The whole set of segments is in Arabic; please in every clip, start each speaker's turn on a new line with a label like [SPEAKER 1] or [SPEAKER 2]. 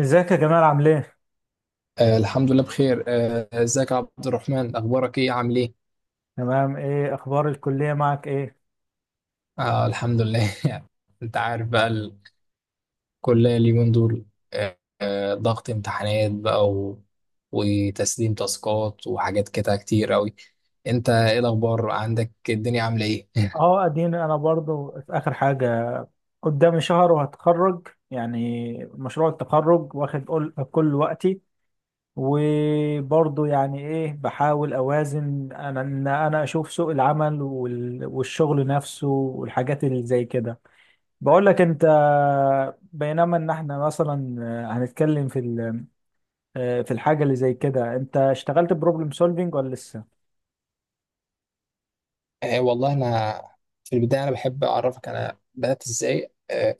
[SPEAKER 1] ازيك يا جمال عامل ايه؟
[SPEAKER 2] الحمد لله بخير، ازيك يا عبد الرحمن؟ اخبارك ايه؟ عامل ايه؟
[SPEAKER 1] تمام، ايه اخبار الكلية معك ايه؟
[SPEAKER 2] آه الحمد لله. انت عارف بقى، الكلية اليومين دول، ضغط امتحانات بقى وتسليم تاسكات وحاجات كده كتير قوي. انت ايه الاخبار عندك؟ الدنيا عاملة ايه؟
[SPEAKER 1] اه اديني انا برضو في اخر حاجة، قدامي شهر وهتخرج يعني مشروع التخرج واخد كل وقتي، وبرضو يعني ايه بحاول اوازن انا اشوف سوق العمل والشغل نفسه والحاجات اللي زي كده. بقول لك انت، بينما ان احنا مثلا هنتكلم في الحاجة اللي زي كده، انت اشتغلت بروبلم سولفينج ولا لسه؟
[SPEAKER 2] والله انا، في البداية انا بحب اعرفك انا بدأت ازاي.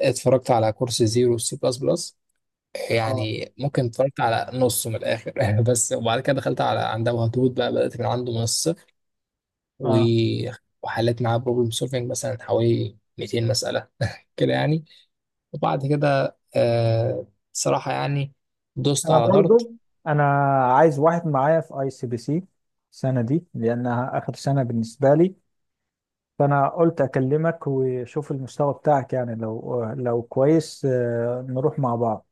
[SPEAKER 2] اتفرجت على كورس زيرو سي بلس بلس،
[SPEAKER 1] اه
[SPEAKER 2] يعني ممكن اتفرجت على نصه من الاخر بس. وبعد كده دخلت على عند ابو هدود بقى، بدات من عنده من الصفر و...
[SPEAKER 1] اه،
[SPEAKER 2] وحليت معاه بروبلم سولفنج مثلا حوالي 200 مساله كده يعني. وبعد كده صراحه يعني دوست
[SPEAKER 1] انا
[SPEAKER 2] على دارت.
[SPEAKER 1] برضو انا عايز واحد معايا في اي سي بي سي السنه دي لانها اخر سنه بالنسبه لي، فانا قلت اكلمك وشوف المستوى بتاعك، يعني لو كويس نروح مع بعض.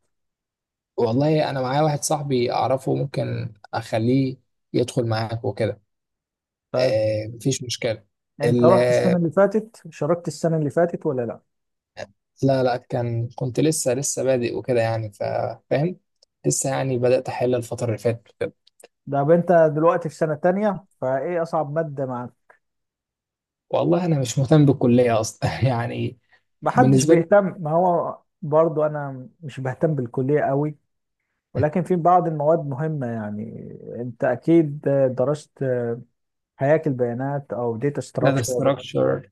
[SPEAKER 2] والله انا معايا واحد صاحبي اعرفه، ممكن اخليه يدخل معاك وكده.
[SPEAKER 1] طيب،
[SPEAKER 2] آه، مفيش مشكله.
[SPEAKER 1] انت
[SPEAKER 2] ال...
[SPEAKER 1] رحت السنه اللي فاتت، شاركت السنه اللي فاتت ولا لا؟
[SPEAKER 2] لا لا، كنت لسه بادئ وكده يعني فاهم. لسه يعني بدات احل الفتره اللي فاتت.
[SPEAKER 1] طب انت دلوقتي في سنه تانية، فايه اصعب ماده معاك؟
[SPEAKER 2] والله انا مش مهتم بالكليه اصلا يعني،
[SPEAKER 1] محدش
[SPEAKER 2] بالنسبه لي.
[SPEAKER 1] بيهتم، ما هو برضو انا مش بهتم بالكليه قوي، ولكن في بعض المواد مهمه يعني. انت اكيد درست هياكل بيانات او داتا
[SPEAKER 2] داتا
[SPEAKER 1] ستراكشر،
[SPEAKER 2] ستراكشر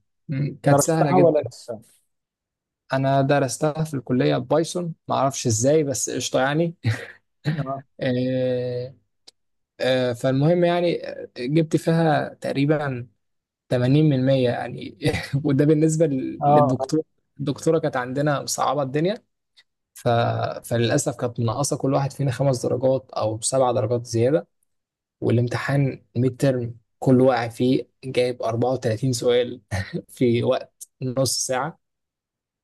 [SPEAKER 2] كانت سهله
[SPEAKER 1] درستها ولا
[SPEAKER 2] جدا.
[SPEAKER 1] لسه؟
[SPEAKER 2] انا درستها في الكليه بايثون، ما اعرفش ازاي بس قشطه يعني.
[SPEAKER 1] اه
[SPEAKER 2] آه، فالمهم يعني، جبت فيها تقريبا 80% يعني وده بالنسبه
[SPEAKER 1] اه، آه.
[SPEAKER 2] للدكتور. الدكتوره كانت عندنا مصعبه الدنيا، ف... فللاسف كانت منقصه كل واحد فينا خمس درجات او سبع درجات زياده. والامتحان ميد ترم كل واقع فيه جايب 34 سؤال في وقت نص ساعة.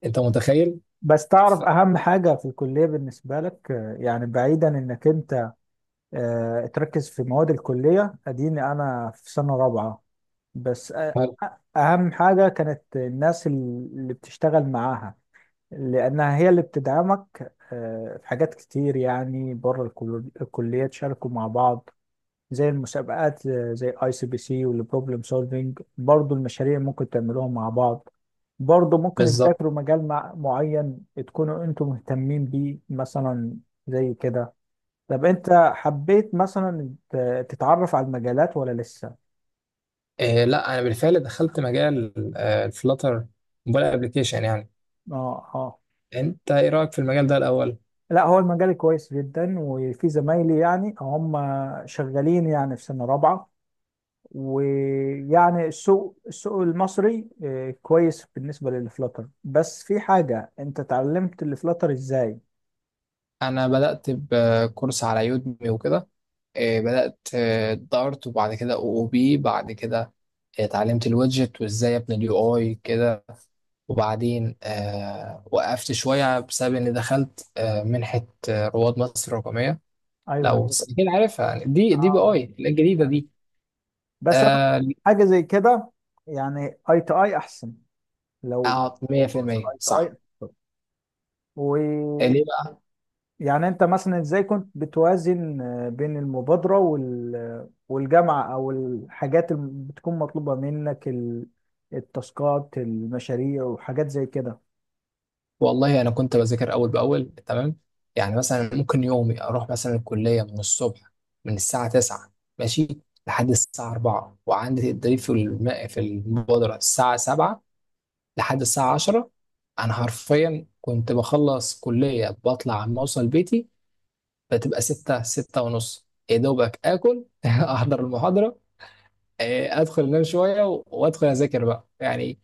[SPEAKER 2] انت متخيل؟
[SPEAKER 1] بس
[SPEAKER 2] ف-
[SPEAKER 1] تعرف اهم حاجه في الكليه بالنسبه لك، يعني بعيدا انك انت تركز في مواد الكليه، اديني انا في سنه رابعه بس، اهم حاجه كانت الناس اللي بتشتغل معاها، لانها هي اللي بتدعمك في حاجات كتير، يعني بره الكليه تشاركوا مع بعض زي المسابقات، زي اي سي بي سي والبروبلم سولفينج، برضو المشاريع ممكن تعملوها مع بعض، برضو ممكن
[SPEAKER 2] بالظبط.
[SPEAKER 1] تذاكروا مجال معين تكونوا انتم مهتمين بيه مثلا، زي كده. طب انت حبيت مثلا تتعرف على المجالات ولا لسه؟
[SPEAKER 2] آه، لا انا بالفعل دخلت مجال الفلاتر، موبايل ابلكيشن يعني.
[SPEAKER 1] اه اه،
[SPEAKER 2] انت ايه رأيك في المجال ده الاول؟
[SPEAKER 1] لا هو المجال كويس جدا، وفي زمايلي يعني هم شغالين يعني في سنة رابعة. ويعني السوق المصري كويس بالنسبة للفلاتر، بس في حاجة، انت اتعلمت الفلاتر ازاي؟
[SPEAKER 2] انا بدأت بكورس على يودمي وكده، آه، بدأت آه، دارت وبعد كده او او بي بعد كده، آه، اتعلمت الويدجت وازاي ابني اليو اي كده. وبعدين آه، وقفت شوية بسبب اني دخلت آه، منحة آه، رواد مصر الرقمية.
[SPEAKER 1] ايوه
[SPEAKER 2] لو اكيد عارفها يعني، دي بي
[SPEAKER 1] اه،
[SPEAKER 2] اي الجديدة
[SPEAKER 1] عارف.
[SPEAKER 2] دي.
[SPEAKER 1] بس انا
[SPEAKER 2] آه،
[SPEAKER 1] حاجة زي كده، يعني اي تو اي احسن لو فرصة
[SPEAKER 2] 100%
[SPEAKER 1] الاي تو
[SPEAKER 2] صح.
[SPEAKER 1] اي.
[SPEAKER 2] آه،
[SPEAKER 1] ويعني
[SPEAKER 2] ليه بقى؟
[SPEAKER 1] انت مثلا ازاي كنت بتوازن بين المبادرة والجامعة او الحاجات اللي بتكون مطلوبة منك، التاسكات، المشاريع وحاجات زي كده؟
[SPEAKER 2] والله انا كنت بذاكر اول باول تمام. يعني مثلا ممكن يومي اروح مثلا الكليه من الصبح، من الساعه 9 ماشي لحد الساعه 4، وعندي تدريب في في المبادره الساعه 7 لحد الساعه 10. انا حرفيا كنت بخلص كليه بطلع عم اوصل بيتي بتبقى 6، 6 ونص يا دوبك اكل احضر المحاضره، آه، ادخل انام شويه وادخل اذاكر بقى يعني.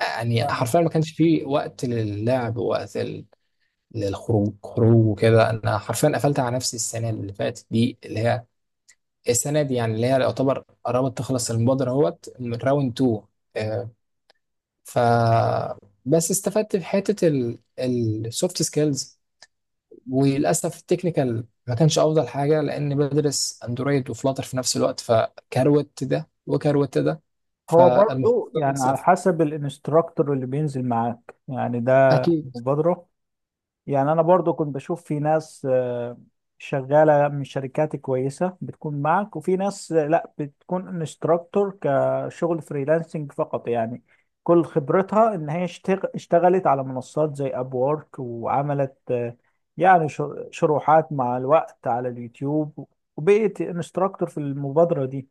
[SPEAKER 2] يعني حرفيا ما كانش فيه وقت للعب، وقت للخروج خروج وكده. انا حرفيا قفلت على نفسي السنه اللي فاتت دي، اللي هي السنه دي يعني، اللي هي يعتبر قربت تخلص المبادره اهوت من راوند 2. آه، ف بس استفدت في حته السوفت سكيلز. وللاسف التكنيكال ما كانش افضل حاجه، لان بدرس اندرويد وفلاتر في نفس الوقت، فكروت ده وكروت ده،
[SPEAKER 1] هو برضو
[SPEAKER 2] فالمحصله
[SPEAKER 1] يعني على
[SPEAKER 2] صفر.
[SPEAKER 1] حسب الانستراكتور اللي بينزل معاك يعني ده
[SPEAKER 2] اكيد.
[SPEAKER 1] مبادرة. يعني أنا برضو كنت بشوف في ناس شغالة من شركات كويسة بتكون معك، وفي ناس لا بتكون انستراكتور كشغل فريلانسنج فقط، يعني كل خبرتها إن هي اشتغلت على منصات زي أبورك، وعملت يعني شروحات مع الوقت على اليوتيوب، وبقيت انستراكتور في المبادرة دي.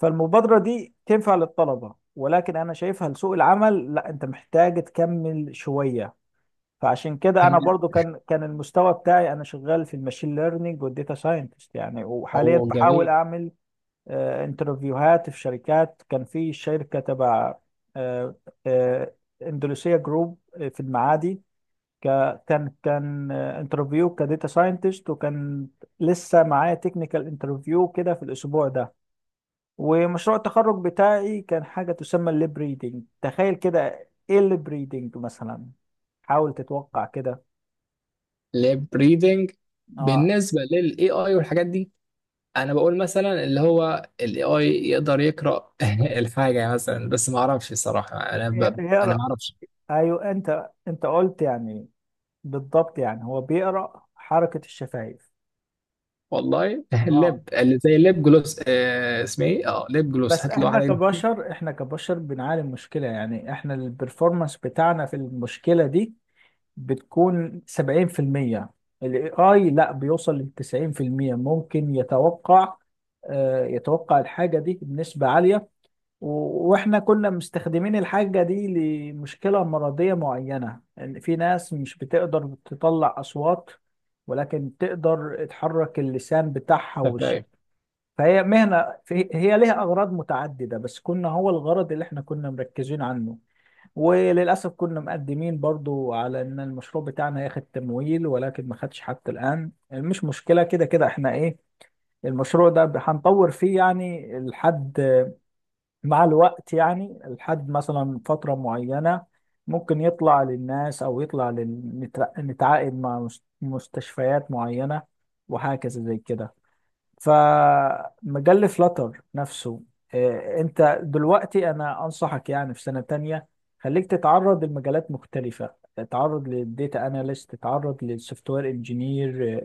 [SPEAKER 1] فالمبادرة دي تنفع للطلبة، ولكن أنا شايفها لسوق العمل لا، أنت محتاج تكمل شوية. فعشان كده
[SPEAKER 2] تمام،
[SPEAKER 1] أنا برضو كان المستوى بتاعي، أنا شغال في الماشين ليرنينج والديتا ساينتست يعني، وحاليا
[SPEAKER 2] هو
[SPEAKER 1] بحاول
[SPEAKER 2] جميل.
[SPEAKER 1] أعمل انترفيوهات في شركات. كان في شركة تبع آه، آه، اندونيسيا جروب في المعادي، كان انترفيو كديتا ساينتست، وكان لسه معايا تكنيكال انترفيو كده في الأسبوع ده. ومشروع التخرج بتاعي كان حاجة تسمى الليب ريدنج. تخيل كده، ايه الليب ريدنج مثلا؟ حاول تتوقع كده.
[SPEAKER 2] لاب ريدنج؟
[SPEAKER 1] اه،
[SPEAKER 2] بالنسبه للاي اي والحاجات دي، انا بقول مثلا اللي هو الاي اي يقدر يقرا الحاجه يعني مثلا، بس ما اعرفش الصراحه، انا
[SPEAKER 1] يقرا،
[SPEAKER 2] ما اعرفش.
[SPEAKER 1] ايوه، انت قلت يعني. بالضبط، يعني هو بيقرا حركة الشفايف.
[SPEAKER 2] والله
[SPEAKER 1] اه،
[SPEAKER 2] اللب اللي زي اللب جلوس، آه اسمه ايه، اه لب جلوس،
[SPEAKER 1] بس
[SPEAKER 2] هات له
[SPEAKER 1] احنا
[SPEAKER 2] واحده.
[SPEAKER 1] كبشر، احنا كبشر، بنعاني من مشكلة، يعني احنا البرفورمانس بتاعنا في المشكلة دي بتكون 70%، الاي اي لا بيوصل ل 90%، ممكن يتوقع يتوقع الحاجة دي بنسبة عالية. واحنا كنا مستخدمين الحاجة دي لمشكلة مرضية معينة، ان في ناس مش بتقدر تطلع اصوات، ولكن تقدر تحرك اللسان بتاعها
[SPEAKER 2] خفايف.
[SPEAKER 1] فهي مهنة هي ليها اغراض متعددة، بس كنا هو الغرض اللي احنا كنا مركزين عنه. وللأسف كنا مقدمين برضو على إن المشروع بتاعنا هياخد تمويل، ولكن ما خدش حتى الآن. مش مشكلة، كده كده إحنا إيه، المشروع ده هنطور فيه يعني لحد، مع الوقت يعني لحد مثلا فترة معينة، ممكن يطلع للناس أو يطلع نتعاقد مع مستشفيات معينة، وهكذا زي كده. فمجال فلاتر نفسه، انت دلوقتي انا انصحك يعني، في سنة تانية خليك تتعرض لمجالات مختلفة، تتعرض للديتا اناليست، تتعرض للسوفت وير انجينير،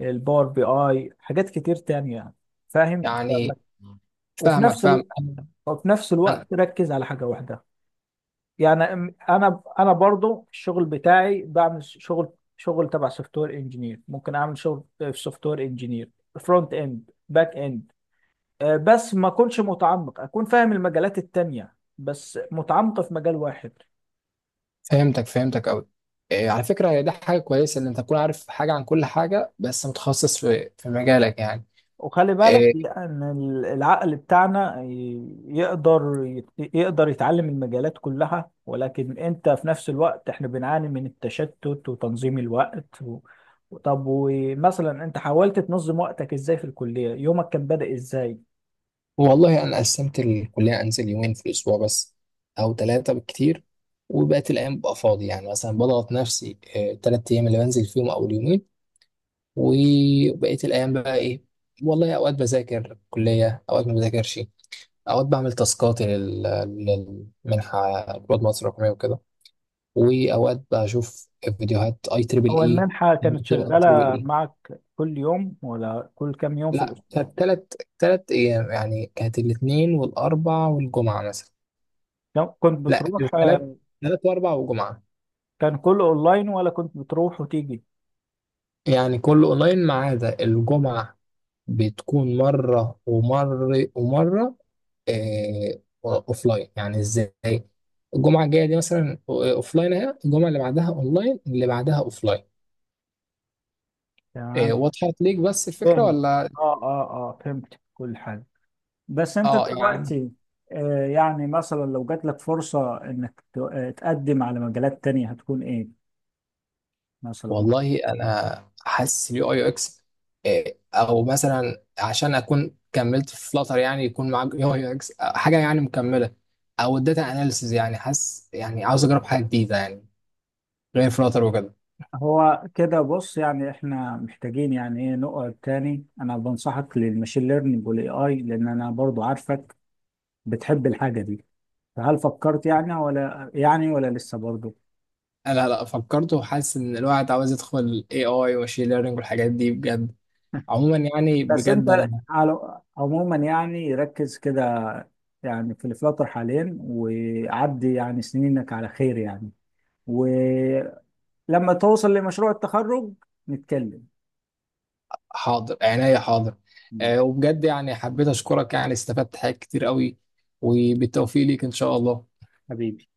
[SPEAKER 1] الباور بي اي، حاجات كتير تانية يعني. فاهم
[SPEAKER 2] يعني
[SPEAKER 1] وفي
[SPEAKER 2] فاهمك،
[SPEAKER 1] نفس
[SPEAKER 2] فاهم
[SPEAKER 1] الوقت،
[SPEAKER 2] انا.
[SPEAKER 1] وفي نفس
[SPEAKER 2] أنا
[SPEAKER 1] الوقت ركز على حاجة واحدة، يعني انا برضو الشغل بتاعي بعمل شغل، شغل تبع سوفت وير انجينير، ممكن اعمل شغل في سوفت وير انجينير فرونت اند باك اند، بس ما اكونش متعمق، اكون فاهم المجالات التانية بس متعمق في مجال واحد.
[SPEAKER 2] فهمتك، فهمتك قوي. على فكره هي ده حاجه كويسه ان انت تكون عارف حاجه عن كل حاجه، بس متخصص في مجالك يعني.
[SPEAKER 1] وخلي بالك،
[SPEAKER 2] آه،
[SPEAKER 1] لان العقل بتاعنا يقدر يتعلم المجالات كلها، ولكن انت في نفس الوقت، احنا بنعاني من التشتت وتنظيم الوقت. طب ومثلا انت حاولت تنظم وقتك ازاي في الكلية؟ يومك كان بادئ ازاي؟
[SPEAKER 2] والله أنا قسمت الكلية أنزل يومين في الأسبوع بس، أو ثلاثة بالكتير. وبقت الأيام ببقى فاضي يعني، مثلا بضغط نفسي ثلاث أيام اللي بنزل فيهم أو اليومين. وبقيت الأيام بقى إيه؟ والله أوقات بذاكر كلية، أوقات ما بذاكرش، أوقات بعمل تاسكاتي للمنحة، رواد مصر الرقمية وكده. وأوقات بشوف فيديوهات أي تريبل
[SPEAKER 1] هو
[SPEAKER 2] إي.
[SPEAKER 1] المنحة كانت
[SPEAKER 2] أي تريبل
[SPEAKER 1] شغالة
[SPEAKER 2] إي.
[SPEAKER 1] معك كل يوم ولا كل كام يوم في
[SPEAKER 2] لا.
[SPEAKER 1] الأسبوع؟
[SPEAKER 2] ثلاث ثلاث أيام يعني، كانت الاثنين والأربع والجمعة مثلا.
[SPEAKER 1] كنت
[SPEAKER 2] لا،
[SPEAKER 1] بتروح
[SPEAKER 2] كانت ثلاث، واربع وجمعه.
[SPEAKER 1] كان كله اونلاين ولا كنت بتروح وتيجي؟
[SPEAKER 2] يعني كله اونلاين ما عدا الجمعه، بتكون مره ومره ومره آه، اوفلاين يعني. ازاي؟ الجمعه الجايه دي مثلا اوفلاين، اهي الجمعه اللي بعدها اونلاين اللي بعدها اوفلاين. آه،
[SPEAKER 1] تمام،
[SPEAKER 2] وضحت ليك بس الفكره
[SPEAKER 1] فهمت.
[SPEAKER 2] ولا؟
[SPEAKER 1] اه اه اه، فهمت كل حاجه. بس انت
[SPEAKER 2] اه يعني.
[SPEAKER 1] دلوقتي، آه يعني مثلا لو جات لك فرصه انك تقدم على مجالات تانية، هتكون ايه مثلا؟
[SPEAKER 2] والله انا حاسس اليو اي يو اكس، آه، او مثلا عشان اكون كملت في فلاتر يعني، يكون معاك يو اي يو اكس، آه، حاجه يعني مكمله. او الداتا اناليسز، يعني حاسس يعني عاوز اجرب حاجه جديده يعني، غير فلاتر وكده.
[SPEAKER 1] هو كده بص، يعني احنا محتاجين يعني ايه نقعد تاني، انا بنصحك للماشين ليرنينج والاي اي، لان انا برضو عارفك بتحب الحاجه دي. فهل فكرت يعني ولا لسه برضو؟
[SPEAKER 2] لا لا، فكرت وحاسس ان الواحد عاوز يدخل اي اي وماشين ليرنينج والحاجات دي بجد. عموما يعني،
[SPEAKER 1] بس
[SPEAKER 2] بجد
[SPEAKER 1] انت
[SPEAKER 2] انا.
[SPEAKER 1] على عموما يعني ركز كده يعني في الفلاتر حاليا، وعدي يعني سنينك على خير يعني. ولما توصل لمشروع التخرج نتكلم.
[SPEAKER 2] حاضر عينيا، حاضر. آه، وبجد يعني حبيت اشكرك، يعني استفدت حاجات كتير قوي. وبالتوفيق ليك ان شاء الله.
[SPEAKER 1] حبيبي.